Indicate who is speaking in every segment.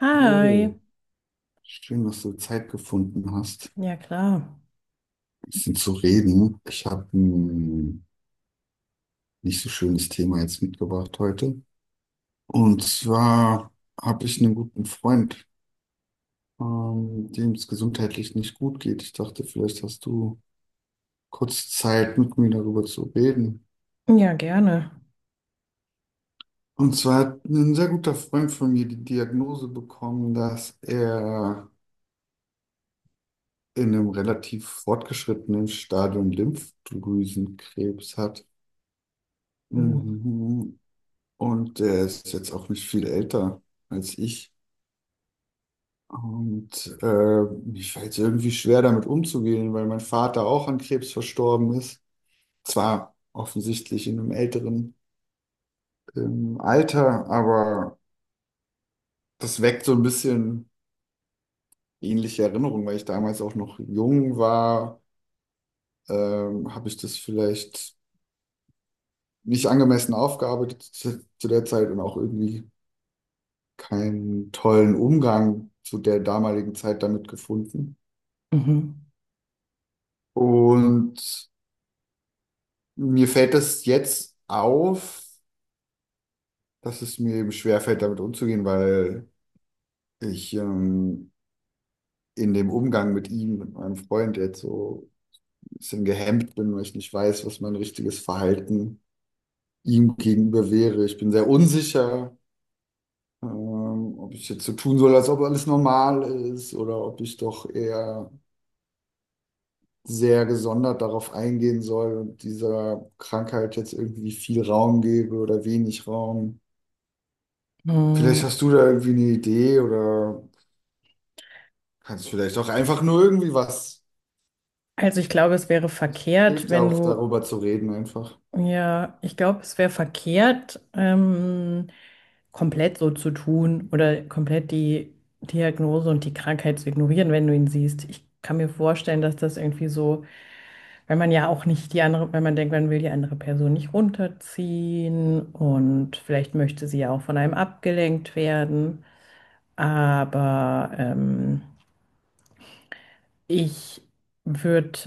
Speaker 1: Hi.
Speaker 2: Oh, schön, dass du Zeit gefunden hast,
Speaker 1: Ja, klar.
Speaker 2: ein bisschen zu reden. Ich habe ein nicht so schönes Thema jetzt mitgebracht heute. Und zwar habe ich einen guten Freund, dem es gesundheitlich nicht gut geht. Ich dachte, vielleicht hast du kurz Zeit, mit mir darüber zu reden.
Speaker 1: Ja, gerne.
Speaker 2: Und zwar hat ein sehr guter Freund von mir die Diagnose bekommen, dass er in einem relativ fortgeschrittenen Stadium Lymphdrüsenkrebs hat.
Speaker 1: Oh.
Speaker 2: Mhm. Und der ist jetzt auch nicht viel älter als ich. Und mir fällt es irgendwie schwer, damit umzugehen, weil mein Vater auch an Krebs verstorben ist. Zwar offensichtlich in einem älteren Alter, aber das weckt so ein bisschen ähnliche Erinnerungen, weil ich damals auch noch jung war. Habe ich das vielleicht nicht angemessen aufgearbeitet zu der Zeit und auch irgendwie keinen tollen Umgang zu der damaligen Zeit damit gefunden.
Speaker 1: Mhm.
Speaker 2: Und mir fällt das jetzt auf, dass es mir eben schwerfällt, damit umzugehen, weil ich in dem Umgang mit ihm, mit meinem Freund jetzt so ein bisschen gehemmt bin, weil ich nicht weiß, was mein richtiges Verhalten ihm gegenüber wäre. Ich bin sehr unsicher, ob ich jetzt so tun soll, als ob alles normal ist, oder ob ich doch eher sehr gesondert darauf eingehen soll und dieser Krankheit jetzt irgendwie viel Raum gebe oder wenig Raum. Vielleicht
Speaker 1: Mm.
Speaker 2: hast du da irgendwie eine Idee oder kannst vielleicht auch einfach nur irgendwie was.
Speaker 1: Also ich glaube, es wäre
Speaker 2: Es
Speaker 1: verkehrt,
Speaker 2: hilft ja
Speaker 1: wenn
Speaker 2: auch
Speaker 1: du,
Speaker 2: darüber zu reden einfach.
Speaker 1: ja, ich glaube, es wäre verkehrt, komplett so zu tun oder komplett die Diagnose und die Krankheit zu ignorieren, wenn du ihn siehst. Ich kann mir vorstellen, dass das irgendwie so, weil man ja auch nicht die andere, wenn man denkt, man will die andere Person nicht runterziehen und vielleicht möchte sie ja auch von einem abgelenkt werden. Aber ich würde,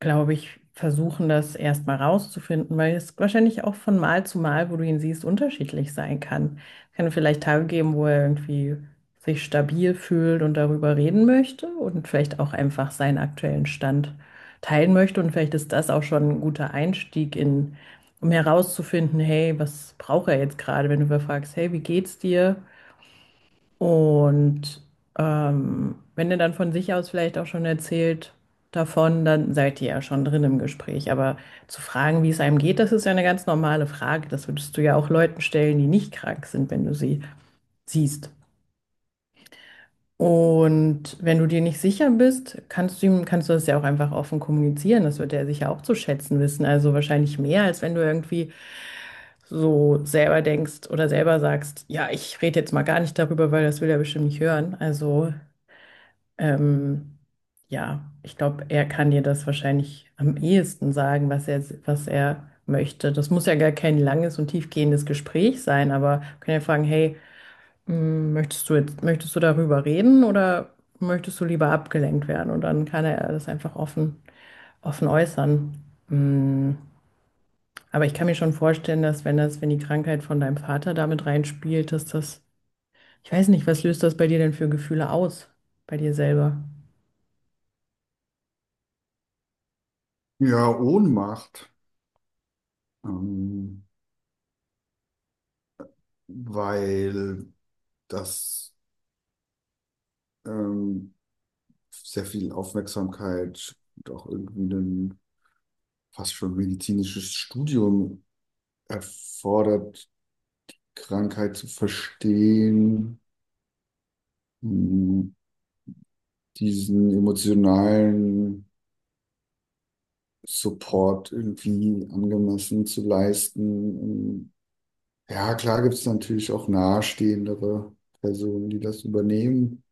Speaker 1: glaube ich, versuchen, das erstmal rauszufinden, weil es wahrscheinlich auch von Mal zu Mal, wo du ihn siehst, unterschiedlich sein kann. Es kann vielleicht Tage geben, wo er irgendwie sich stabil fühlt und darüber reden möchte und vielleicht auch einfach seinen aktuellen Stand teilen möchte. Und vielleicht ist das auch schon ein guter Einstieg um herauszufinden, hey, was braucht er jetzt gerade, wenn du überfragst, hey, wie geht's dir? Und wenn ihr dann von sich aus vielleicht auch schon erzählt davon, dann seid ihr ja schon drin im Gespräch. Aber zu fragen, wie es einem geht, das ist ja eine ganz normale Frage. Das würdest du ja auch Leuten stellen, die nicht krank sind, wenn du sie siehst. Und wenn du dir nicht sicher bist, kannst du das ja auch einfach offen kommunizieren. Das wird er sicher auch zu schätzen wissen. Also wahrscheinlich mehr, als wenn du irgendwie so selber denkst oder selber sagst, ja, ich rede jetzt mal gar nicht darüber, weil das will er bestimmt nicht hören. Ähm, ja, ich glaube, er kann dir das wahrscheinlich am ehesten sagen, was er möchte. Das muss ja gar kein langes und tiefgehendes Gespräch sein, aber wir können ja fragen, hey, mh, möchtest du darüber reden oder möchtest du lieber abgelenkt werden? Und dann kann er das einfach offen äußern. Mh, aber ich kann mir schon vorstellen, dass wenn die Krankheit von deinem Vater damit reinspielt, ich weiß nicht, was löst das bei dir denn für Gefühle aus, bei dir selber?
Speaker 2: Ja, Ohnmacht, ähm, weil das ähm, sehr viel Aufmerksamkeit und auch irgendwie ein fast schon medizinisches Studium erfordert, Krankheit zu verstehen, mh, diesen emotionalen Support irgendwie angemessen zu leisten. Ja, klar gibt es natürlich auch nahestehendere Personen, die das übernehmen,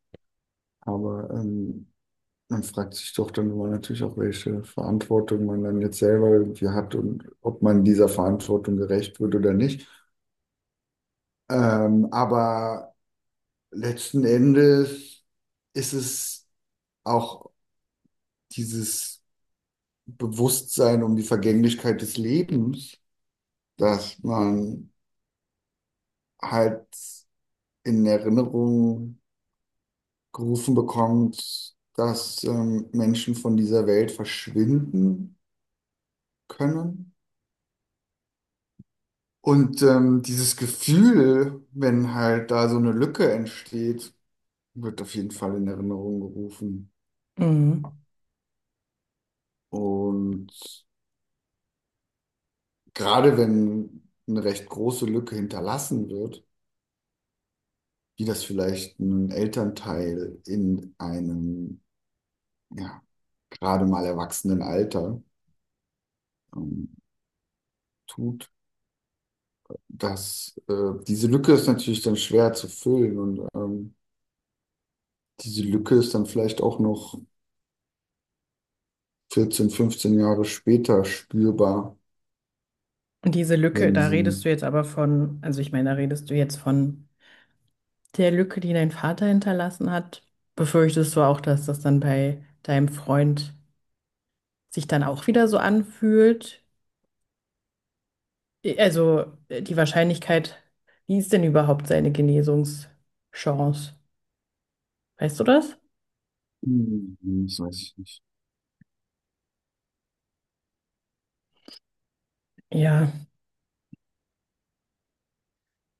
Speaker 2: aber man fragt sich doch dann immer natürlich auch, welche Verantwortung man dann jetzt selber irgendwie hat und ob man dieser Verantwortung gerecht wird oder nicht. Aber letzten Endes ist es auch dieses Bewusstsein um die Vergänglichkeit des Lebens, dass man halt in Erinnerung gerufen bekommt, dass Menschen von dieser Welt verschwinden können. Und dieses Gefühl, wenn halt da so eine Lücke entsteht, wird auf jeden Fall in Erinnerung gerufen.
Speaker 1: Mhm.
Speaker 2: Und gerade wenn eine recht große Lücke hinterlassen wird, wie das vielleicht ein Elternteil in einem, ja, gerade mal erwachsenen Alter ähm, tut. Das, diese Lücke ist natürlich dann schwer zu füllen, und diese Lücke ist dann vielleicht auch noch 14, 15 Jahre später spürbar,
Speaker 1: Und diese Lücke,
Speaker 2: wenn
Speaker 1: da redest
Speaker 2: sie...
Speaker 1: du jetzt aber von, also ich meine, da redest du jetzt von der Lücke, die dein Vater hinterlassen hat. Befürchtest du auch, dass das dann bei deinem Freund sich dann auch wieder so anfühlt? Also wie ist denn überhaupt seine Genesungschance? Weißt du das?
Speaker 2: Hm, das weiß ich nicht.
Speaker 1: Ja,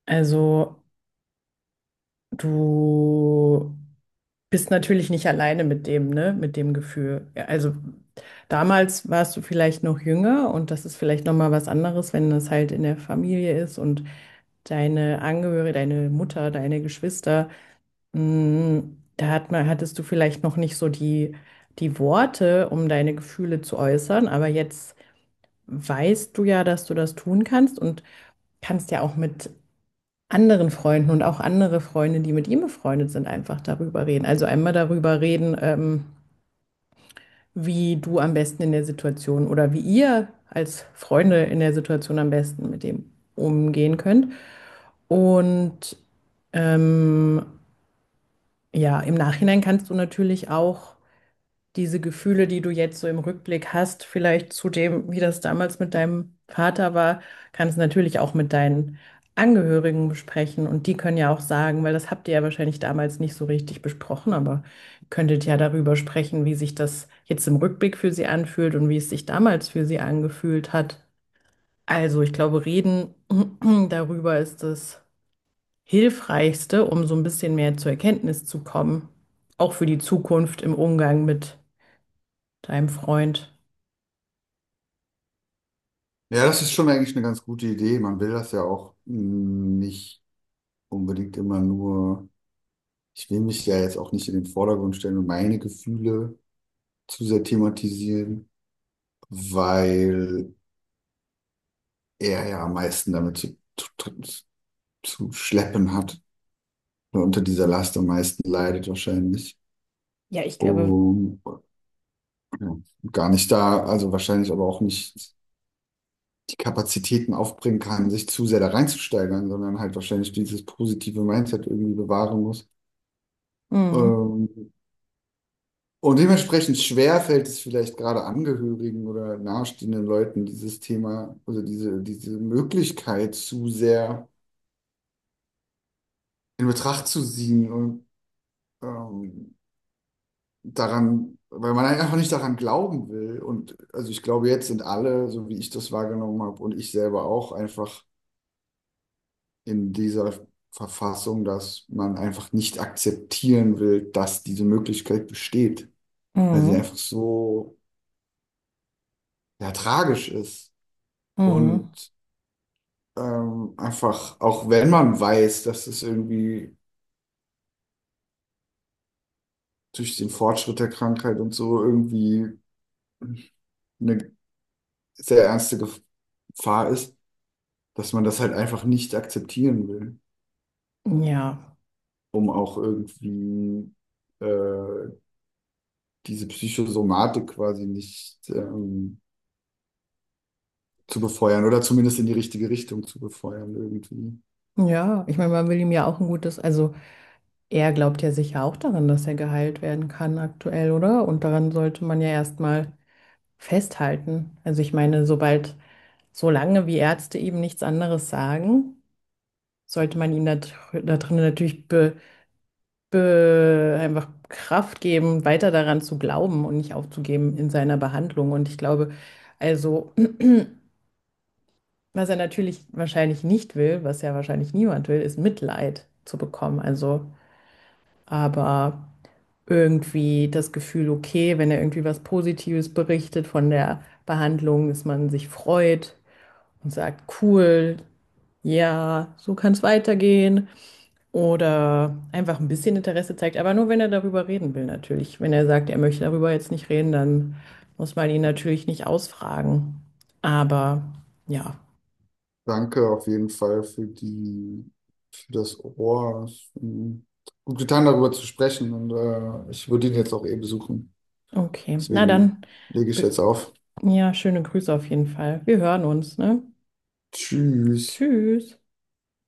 Speaker 1: also du bist natürlich nicht alleine mit dem, ne, mit dem Gefühl. Ja, also damals warst du vielleicht noch jünger und das ist vielleicht noch mal was anderes, wenn das halt in der Familie ist und deine Angehörige, deine Mutter, deine Geschwister, mh, hattest du vielleicht noch nicht so die Worte, um deine Gefühle zu äußern, aber jetzt weißt du ja, dass du das tun kannst und kannst ja auch mit anderen Freunden und auch andere Freunde, die mit ihm befreundet sind, einfach darüber reden. Also einmal darüber reden, wie du am besten in der Situation oder wie ihr als Freunde in der Situation am besten mit dem umgehen könnt. Und ähm, ja, im Nachhinein kannst du natürlich auch diese Gefühle, die du jetzt so im Rückblick hast, vielleicht zu dem, wie das damals mit deinem Vater war, kannst du natürlich auch mit deinen Angehörigen besprechen. Und die können ja auch sagen, weil das habt ihr ja wahrscheinlich damals nicht so richtig besprochen, aber ihr könntet ja darüber sprechen, wie sich das jetzt im Rückblick für sie anfühlt und wie es sich damals für sie angefühlt hat. Also ich glaube, reden darüber ist das Hilfreichste, um so ein bisschen mehr zur Erkenntnis zu kommen, auch für die Zukunft im Umgang mit deinem Freund.
Speaker 2: Ja, das ist schon eigentlich eine ganz gute Idee. Man will das ja auch, hm, nicht unbedingt immer nur, ich will mich ja jetzt auch nicht in den Vordergrund stellen und meine Gefühle zu sehr thematisieren, weil er ja am meisten damit zu schleppen hat, oder unter dieser Last am meisten leidet wahrscheinlich.
Speaker 1: Ja, ich glaube.
Speaker 2: Und ja, gar nicht da, also wahrscheinlich aber auch nicht die Kapazitäten aufbringen kann, sich zu sehr da reinzusteigern, sondern halt wahrscheinlich dieses positive Mindset irgendwie bewahren muss.
Speaker 1: Mhm.
Speaker 2: Ähm, und dementsprechend schwer fällt es vielleicht gerade Angehörigen oder nahestehenden Leuten, dieses Thema, also diese Möglichkeit zu sehr in Betracht zu ziehen und, ähm, daran, weil man einfach nicht daran glauben will. Und also ich glaube, jetzt sind alle, so wie ich das wahrgenommen habe und ich selber auch, einfach in dieser Verfassung, dass man einfach nicht akzeptieren will, dass diese Möglichkeit besteht, weil sie
Speaker 1: Mhm.
Speaker 2: einfach so, ja, tragisch ist.
Speaker 1: Mhm.
Speaker 2: Und einfach, auch wenn man weiß, dass es irgendwie durch den Fortschritt der Krankheit und so irgendwie eine sehr ernste Gefahr ist, dass man das halt einfach nicht akzeptieren will,
Speaker 1: Ja.
Speaker 2: um auch irgendwie äh, diese Psychosomatik quasi nicht zu befeuern oder zumindest in die richtige Richtung zu befeuern irgendwie.
Speaker 1: Ja, ich meine, man will ihm ja auch ein gutes, also er glaubt ja sicher auch daran, dass er geheilt werden kann aktuell, oder? Und daran sollte man ja erstmal festhalten. Solange wie Ärzte eben nichts anderes sagen, sollte man ihm da drin natürlich einfach Kraft geben, weiter daran zu glauben und nicht aufzugeben in seiner Behandlung. Und ich glaube, also was er natürlich wahrscheinlich nicht will, was ja wahrscheinlich niemand will, ist Mitleid zu bekommen. Aber irgendwie das Gefühl, okay, wenn er irgendwie was Positives berichtet von der Behandlung, dass man sich freut und sagt, cool, ja, so kann es weitergehen. Oder einfach ein bisschen Interesse zeigt, aber nur wenn er darüber reden will, natürlich. Wenn er sagt, er möchte darüber jetzt nicht reden, dann muss man ihn natürlich nicht ausfragen. Aber ja,
Speaker 2: Danke auf jeden Fall für für das Ohr. Es hat gut getan, darüber zu sprechen, und ich würde ihn jetzt auch eh besuchen.
Speaker 1: okay, na
Speaker 2: Deswegen
Speaker 1: dann,
Speaker 2: lege ich
Speaker 1: be-
Speaker 2: jetzt auf.
Speaker 1: ja, schöne Grüße auf jeden Fall. Wir hören uns, ne?
Speaker 2: Tschüss.
Speaker 1: Tschüss.